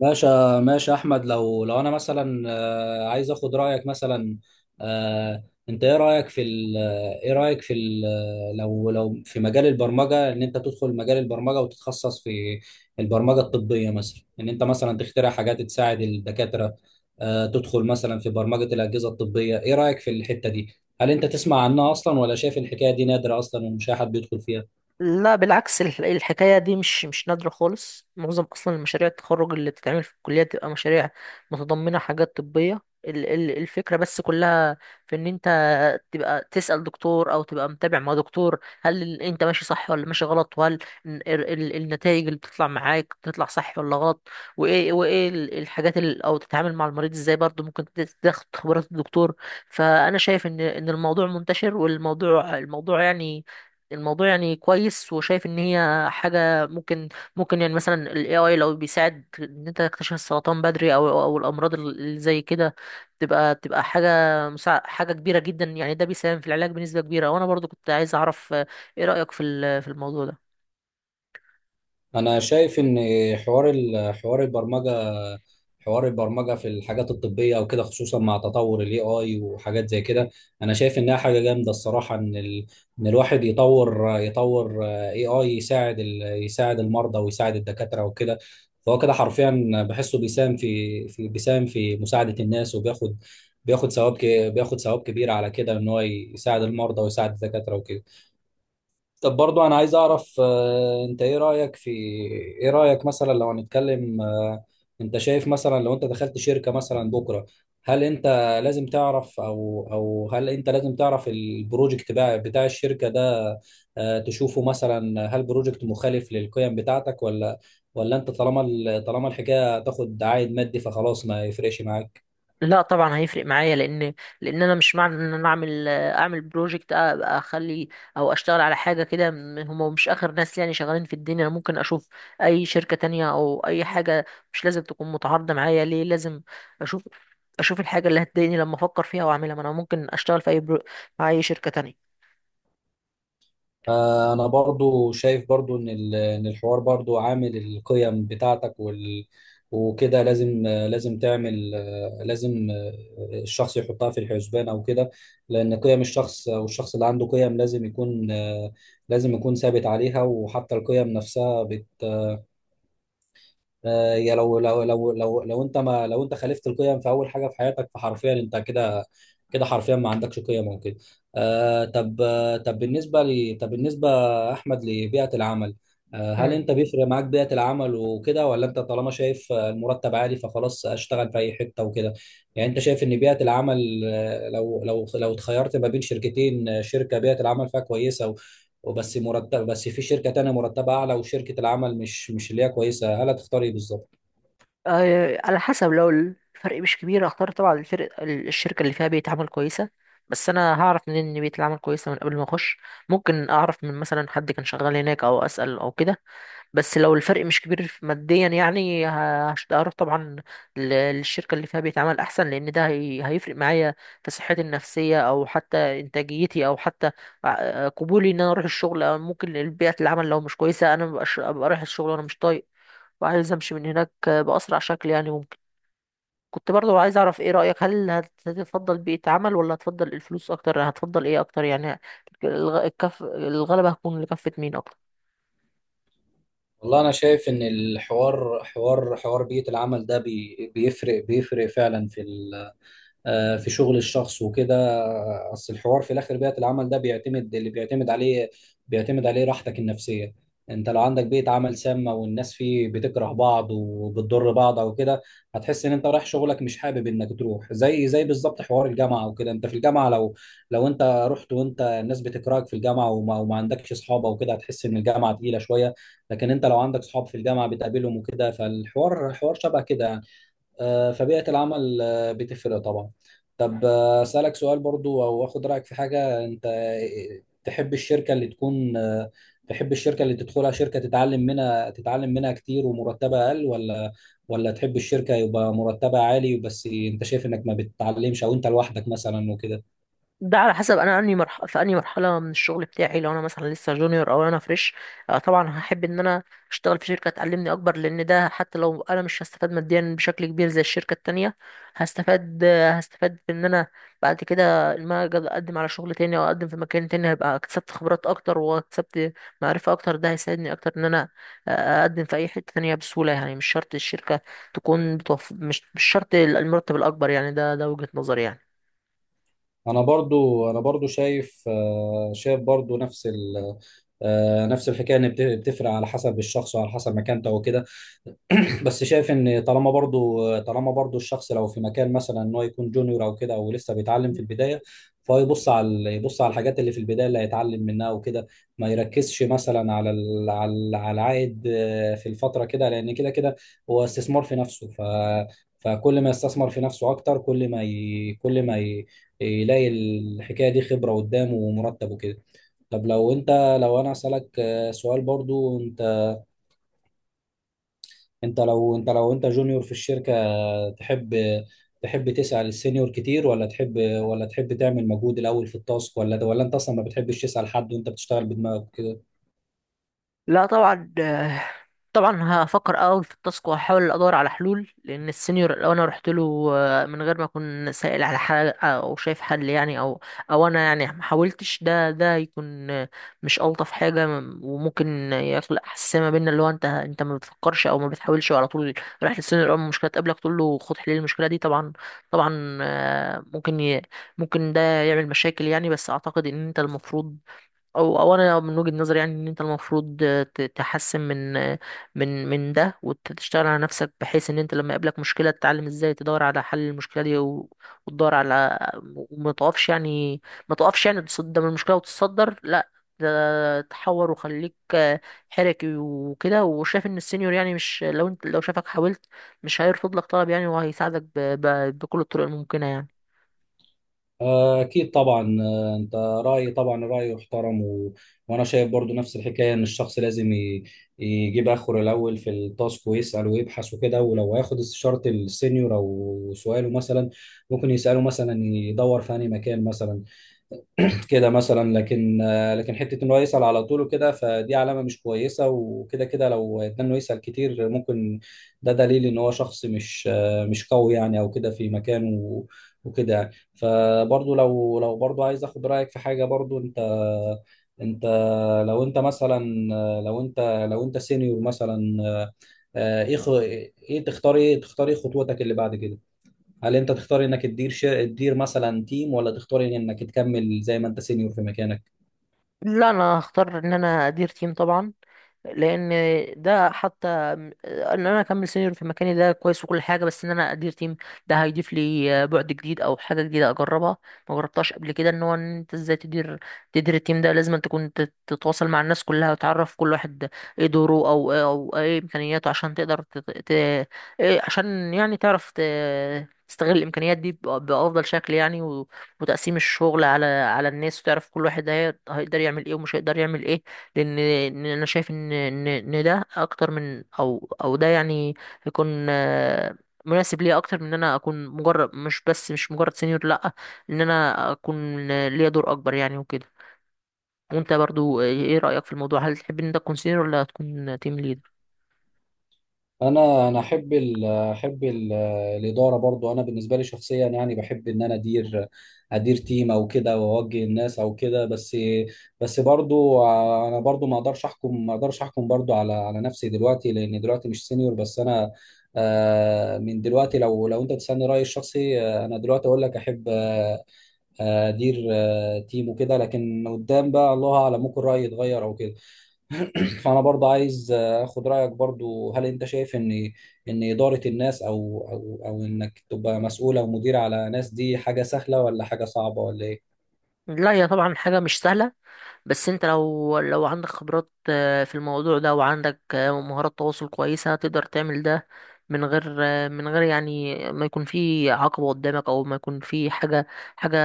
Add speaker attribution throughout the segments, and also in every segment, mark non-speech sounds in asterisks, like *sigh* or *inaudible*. Speaker 1: ماشي ماشي يا احمد، لو انا مثلا، عايز اخد رايك مثلا. آه، انت ايه رايك في ال- لو في مجال البرمجه، ان انت تدخل مجال البرمجه وتتخصص في البرمجه الطبيه مثلا، ان انت مثلا تخترع حاجات تساعد الدكاتره، تدخل مثلا في برمجه الاجهزه الطبيه. ايه رايك في الحته دي؟ هل انت تسمع عنها اصلا، ولا شايف الحكايه دي نادره اصلا ومش اي حد بيدخل فيها؟
Speaker 2: لا بالعكس، الحكاية دي مش نادرة خالص. معظم أصلا المشاريع التخرج اللي بتتعمل في الكلية بتبقى مشاريع متضمنة حاجات طبية. الفكرة بس كلها في إن أنت تبقى تسأل دكتور أو تبقى متابع مع دكتور، هل أنت ماشي صح ولا ماشي غلط، وهل النتائج اللي بتطلع معاك بتطلع صح ولا غلط، وإيه الحاجات أو تتعامل مع المريض إزاي برضه. ممكن تاخد خبرات الدكتور. فأنا شايف إن الموضوع منتشر، والموضوع الموضوع يعني الموضوع يعني كويس، وشايف ان هي حاجه ممكن. ممكن يعني مثلا ال AI لو بيساعد ان انت تكتشف السرطان بدري او الامراض اللي زي كده، تبقى حاجه حاجه كبيره جدا. يعني ده بيساهم في العلاج بنسبه كبيره. وانا برضو كنت عايز اعرف، ايه رايك في في الموضوع ده؟
Speaker 1: انا شايف ان حوار ال- حوار البرمجه حوار البرمجه في الحاجات الطبيه وكده، خصوصا مع تطور الاي اي وحاجات زي كده، انا شايف انها حاجه جامده الصراحه. ان الواحد يطور اي اي يساعد، يساعد المرضى ويساعد الدكاتره وكده. فهو كده حرفيا بحسه بيساهم في مساعده الناس، وبياخد ثواب ك... بياخد ثواب كبير على كده، ان هو يساعد المرضى ويساعد الدكاتره وكده. طب برضو انا عايز اعرف، انت ايه رأيك في، ايه رأيك مثلا لو هنتكلم، انت شايف مثلا، لو انت دخلت شركة مثلا بكرة، هل انت لازم تعرف، او او هل انت لازم تعرف البروجكت بتاع الشركة ده، تشوفه مثلا هل بروجكت مخالف للقيم بتاعتك، ولا انت طالما الحكاية تاخد عائد مادي فخلاص ما يفرقش معاك؟
Speaker 2: لا طبعا هيفرق معايا، لان انا مش معنى ان انا اعمل بروجكت ابقى اخلي او اشتغل على حاجه كده. هم مش اخر ناس يعني شغالين في الدنيا، انا ممكن اشوف اي شركه تانية او اي حاجه مش لازم تكون متعارضه معايا. ليه لازم اشوف الحاجه اللي هتضايقني لما افكر فيها واعملها؟ ما انا ممكن اشتغل في اي مع اي شركه تانية.
Speaker 1: انا برضو شايف برضو إن الحوار برضو عامل القيم بتاعتك، وكده لازم، آه، لازم تعمل آه، لازم آه، الشخص يحطها في الحسبان او كده، لان قيم الشخص، او الشخص اللي عنده قيم لازم يكون، لازم يكون ثابت عليها، وحتى القيم نفسها بت آه، يا لو لو لو لو لو انت ما لو انت خالفت القيم في اول حاجه في حياتك، فحرفيا انت كده. كده حرفيا ما عندكش قيم او كده. طب، طب بالنسبه لي، طب بالنسبه احمد لبيئه العمل، هل
Speaker 2: امم.
Speaker 1: انت بيفرق معاك بيئه العمل وكده، ولا انت طالما شايف المرتب عالي فخلاص اشتغل في اي حته وكده؟ يعني انت شايف ان بيئه العمل، لو اتخيرت ما بين شركتين، شركه بيئه العمل فيها كويسه وبس مرتب، بس في شركة تانية مرتبة أعلى وشركة العمل مش اللي هي كويسة، هل هتختار إيه بالظبط؟
Speaker 2: على حسب. لو الفرق مش كبير، اختار طبعا الفرق الشركة اللي فيها بيئة عمل كويسة. بس انا هعرف منين ان بيئة العمل كويسة من قبل ما اخش؟ ممكن اعرف من مثلا حد كان شغال هناك او اسأل او كده. بس لو الفرق مش كبير ماديا يعني، هروح طبعا للشركة اللي فيها بيئة عمل احسن، لان ده هيفرق معايا في صحتي النفسية او حتى انتاجيتي او حتى قبولي ان انا اروح الشغل. أو ممكن بيئة العمل لو مش كويسة انا ابقى رايح الشغل وانا مش طايق وعايز امشي من هناك باسرع شكل يعني. ممكن كنت برضو عايز اعرف ايه رايك، هل هتفضل بيئه عمل ولا هتفضل الفلوس اكتر؟ هتفضل ايه اكتر يعني؟ الغ- الكف الغلبه هتكون لكفه مين اكتر؟
Speaker 1: والله أنا شايف إن الحوار حوار حوار بيئة العمل ده، بيفرق فعلا في ال، في شغل الشخص وكده. اصل الحوار في الاخر، بيئة العمل ده بيعتمد عليه راحتك النفسية. انت لو عندك بيئة عمل سامة، والناس فيه بتكره بعض وبتضر بعض او كده، هتحس ان انت رايح شغلك مش حابب انك تروح، زي بالظبط حوار الجامعة وكده. انت في الجامعة لو انت رحت وانت الناس بتكرهك في الجامعة، وما عندكش اصحاب او كده، هتحس ان الجامعة تقيلة شوية. لكن انت لو عندك اصحاب في الجامعة بتقابلهم وكده، فالحوار شبه كده. فبيئة العمل بتفرق طبعا. طب أسألك سؤال برضو، أو أخد رأيك في حاجة، أنت تحب الشركة اللي تكون آه، تحب الشركة اللي تدخلها شركة تتعلم منها كتير ومرتبها أقل، ولا تحب الشركة يبقى مرتبها عالي، بس أنت شايف إنك ما بتتعلمش أو أنت لوحدك مثلا وكده؟
Speaker 2: ده على حسب انا اني مرحله من الشغل بتاعي. لو انا مثلا لسه جونيور او انا فريش، طبعا هحب ان انا اشتغل في شركه تعلمني اكبر، لان ده حتى لو انا مش هستفاد ماديا بشكل كبير زي الشركه التانية، هستفاد. هستفاد بان انا بعد كده لما اجي اقدم على شغل تاني او اقدم في مكان تاني هبقى اكتسبت خبرات اكتر واكتسبت معرفه اكتر. ده هيساعدني اكتر ان انا اقدم في اي حته تانية بسهوله يعني. مش شرط الشركه تكون مش شرط المرتب الاكبر يعني. ده ده وجهه نظري يعني.
Speaker 1: أنا برضو شايف برضو نفس ال آه، نفس الحكاية إن بتفرق على حسب الشخص وعلى حسب مكانته وكده. بس شايف ان طالما برضو الشخص لو في مكان، مثلا ان هو يكون جونيور او كده، او لسه بيتعلم في البدايه، فهو يبص على الحاجات اللي في البدايه اللي هيتعلم منها وكده، ما يركزش مثلا على العائد، في الفتره كده، لان كده كده هو استثمار في نفسه. فكل ما يستثمر في نفسه اكتر، كل ما ي... كل ما ي... يلاقي الحكايه دي خبره قدامه ومرتب وكده. طب لو انا اسالك سؤال برضو، انت لو انت جونيور في الشركه. تحب تحب تسعى للسينيور كتير، ولا تحب تعمل مجهود الاول في التاسك، ولا انت اصلا ما بتحبش تسأل حد، وانت بتشتغل بدماغك كده؟
Speaker 2: لا طبعا، طبعا هفكر اول في التاسك وهحاول ادور على حلول. لان السينيور لو انا رحت له من غير ما اكون سائل على حاجه او شايف حل يعني، او او انا يعني ما حاولتش، ده يكون مش الطف حاجه. وممكن يخلق حساسيه ما بيننا، اللي هو انت ما بتفكرش او ما بتحاولش، على طول رايح للسينيور اول ما المشكله تقابلك تقول له خد حل المشكله دي. طبعا طبعا ممكن ممكن ده يعمل مشاكل يعني. بس اعتقد ان انت المفروض، او او انا من وجهة نظري يعني ان انت المفروض تحسن من من ده وتشتغل على نفسك، بحيث ان انت لما يقابلك مشكلة تتعلم ازاي تدور على حل المشكلة دي وتدور على، وما تقفش يعني، ما تقفش يعني قدام المشكلة وتتصدر. لا، ده تحور وخليك حركي وكده. وشايف ان السينيور يعني، مش لو انت، لو شافك حاولت مش هيرفض لك طلب يعني، وهيساعدك بكل الطرق الممكنة يعني.
Speaker 1: اكيد طبعا. انت رايي طبعا رايي يحترم، وانا شايف برضو نفس الحكايه ان الشخص لازم يجيب اخره الاول في التاسك، ويسأل ويبحث وكده، ولو هياخد استشاره السينيور او سؤاله مثلا، ممكن يسأله مثلا يدور في أي مكان مثلا كده مثلا. لكن لكن حته ان هو يسال على طول وكده فدي علامه مش كويسه وكده. كده لو اتنى انه يسال كتير، ممكن ده دليل ان هو شخص مش قوي يعني او كده في مكانه وكده يعني. فبرضه لو برضه عايز اخد رايك في حاجه برضه، انت انت لو انت مثلا لو انت لو انت سينيور مثلا، آه، ايه خ- ايه تختار ايه تختار ايه خطوتك اللي بعد كده؟ هل انت تختار انك تدير مثلا تيم، ولا تختار انك تكمل زي ما انت سينيور في مكانك؟
Speaker 2: لا انا هختار ان انا ادير تيم طبعا، لان ده حتى ان انا اكمل سينيور في مكاني ده كويس وكل حاجه، بس ان انا ادير تيم ده هيضيف لي بعد جديد او حاجه جديده اجربها ما جربتهاش قبل كده. ان هو ان انت ازاي تدير التيم ده، لازم أنت تكون تتواصل مع الناس كلها وتعرف كل واحد ايه دوره او إيه، او ايه امكانياته، عشان تقدر إيه عشان يعني تعرف تستغل الامكانيات دي بافضل شكل يعني. و... وتقسيم الشغل على الناس، وتعرف كل واحد هيقدر يعمل ايه ومش هيقدر يعمل ايه. لان إن انا شايف ان ان إن ده اكتر من، او او ده يعني يكون مناسب ليا اكتر من ان انا اكون مجرد مش بس مش مجرد سenior، لا، ان انا اكون ليا دور اكبر يعني وكده. وانت برضو ايه رأيك في الموضوع؟ هل تحب ان انت تكون سenior ولا تكون تيم ليدر؟
Speaker 1: انا احب الاداره، برضو انا بالنسبه لي شخصيا يعني بحب ان انا ادير تيم او كده، واوجه الناس او كده. بس انا برضو ما اقدرش احكم برضو على نفسي دلوقتي، لان دلوقتي مش سينيور بس انا، من دلوقتي لو انت تسالني رايي الشخصي، انا دلوقتي اقول لك احب، ادير تيم وكده، لكن قدام بقى الله اعلم، ممكن رايي يتغير او كده. *clears throat* فانا برضه عايز اخد رايك برضه، هل انت شايف ان اداره الناس، او انك تبقى مسؤول او مدير على ناس دي حاجه سهله، ولا حاجه صعبه، ولا ايه؟
Speaker 2: لا هي طبعا حاجة مش سهلة، بس انت لو لو عندك خبرات في الموضوع ده وعندك مهارات تواصل كويسة، تقدر تعمل ده من غير من غير يعني ما يكون في عقبة قدامك او ما يكون في حاجة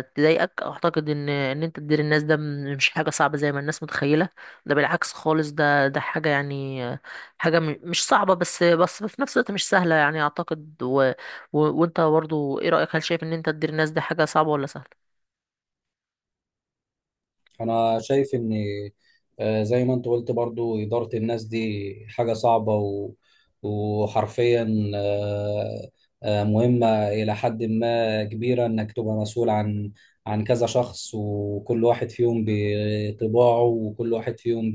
Speaker 2: تضايقك. اعتقد ان انت تدير الناس ده مش حاجة صعبة زي ما الناس متخيلة. ده بالعكس خالص، ده ده حاجة يعني حاجة مش صعبة، بس بس في نفس الوقت مش سهلة يعني، اعتقد. و و وانت برضو ايه رأيك، هل شايف ان انت تدير الناس ده حاجة صعبة ولا سهلة؟
Speaker 1: انا شايف ان زي ما انت قلت برضو اداره الناس دي حاجه صعبه، وحرفيا، مهمه الى حد ما كبيره، انك تبقى مسؤول عن كذا شخص، وكل واحد فيهم بطباعه، وكل واحد فيهم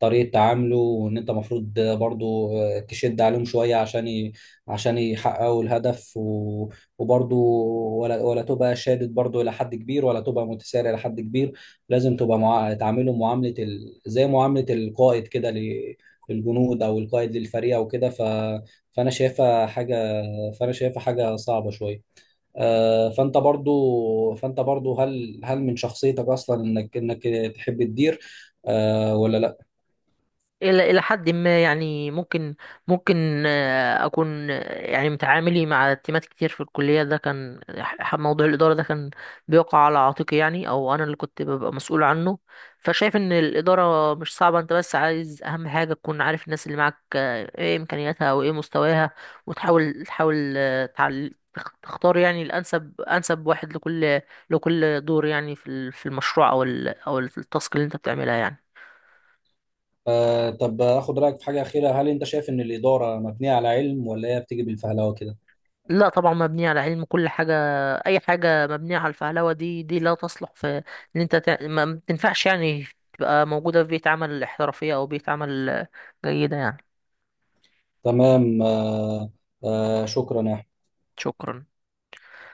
Speaker 1: بطريقه تعامله، وان انت مفروض برضو تشد عليهم شويه عشان عشان يحققوا الهدف، وبرضو ولا تبقى شادد برضو الى حد كبير، ولا تبقى متسارع الى حد كبير. لازم تبقى تعامله زي معاملة القائد كده للجنود، او القائد للفريق او كده. فانا شايفها حاجة فانا شايفها حاجة صعبة شوية. فانت برضو، هل من شخصيتك اصلا انك تحب تدير ولا لا؟
Speaker 2: إلى حد ما يعني. ممكن ممكن أكون يعني متعاملي مع تيمات كتير في الكلية، ده كان موضوع الإدارة ده كان بيقع على عاتقي يعني، أو أنا اللي كنت ببقى مسؤول عنه. فشايف إن الإدارة مش صعبة. أنت بس عايز أهم حاجة تكون عارف الناس اللي معاك إيه إمكانياتها وإيه مستواها، وتحاول تختار يعني الأنسب، أنسب واحد لكل لكل دور يعني في في المشروع أو أو التاسك اللي أنت بتعملها يعني.
Speaker 1: طب اخد رايك في حاجه اخيره، هل انت شايف ان الاداره مبنيه على علم، ولا هي بتيجي بالفهلوه كده؟
Speaker 2: لا طبعا مبنية على علم. كل حاجة، أي حاجة مبنية على الفهلوة دي دي لا تصلح في إن أنت ما تنفعش يعني تبقى موجودة في بيئة عمل احترافية أو بيئة عمل جيدة يعني.
Speaker 1: تمام. شكرا يا
Speaker 2: شكرا.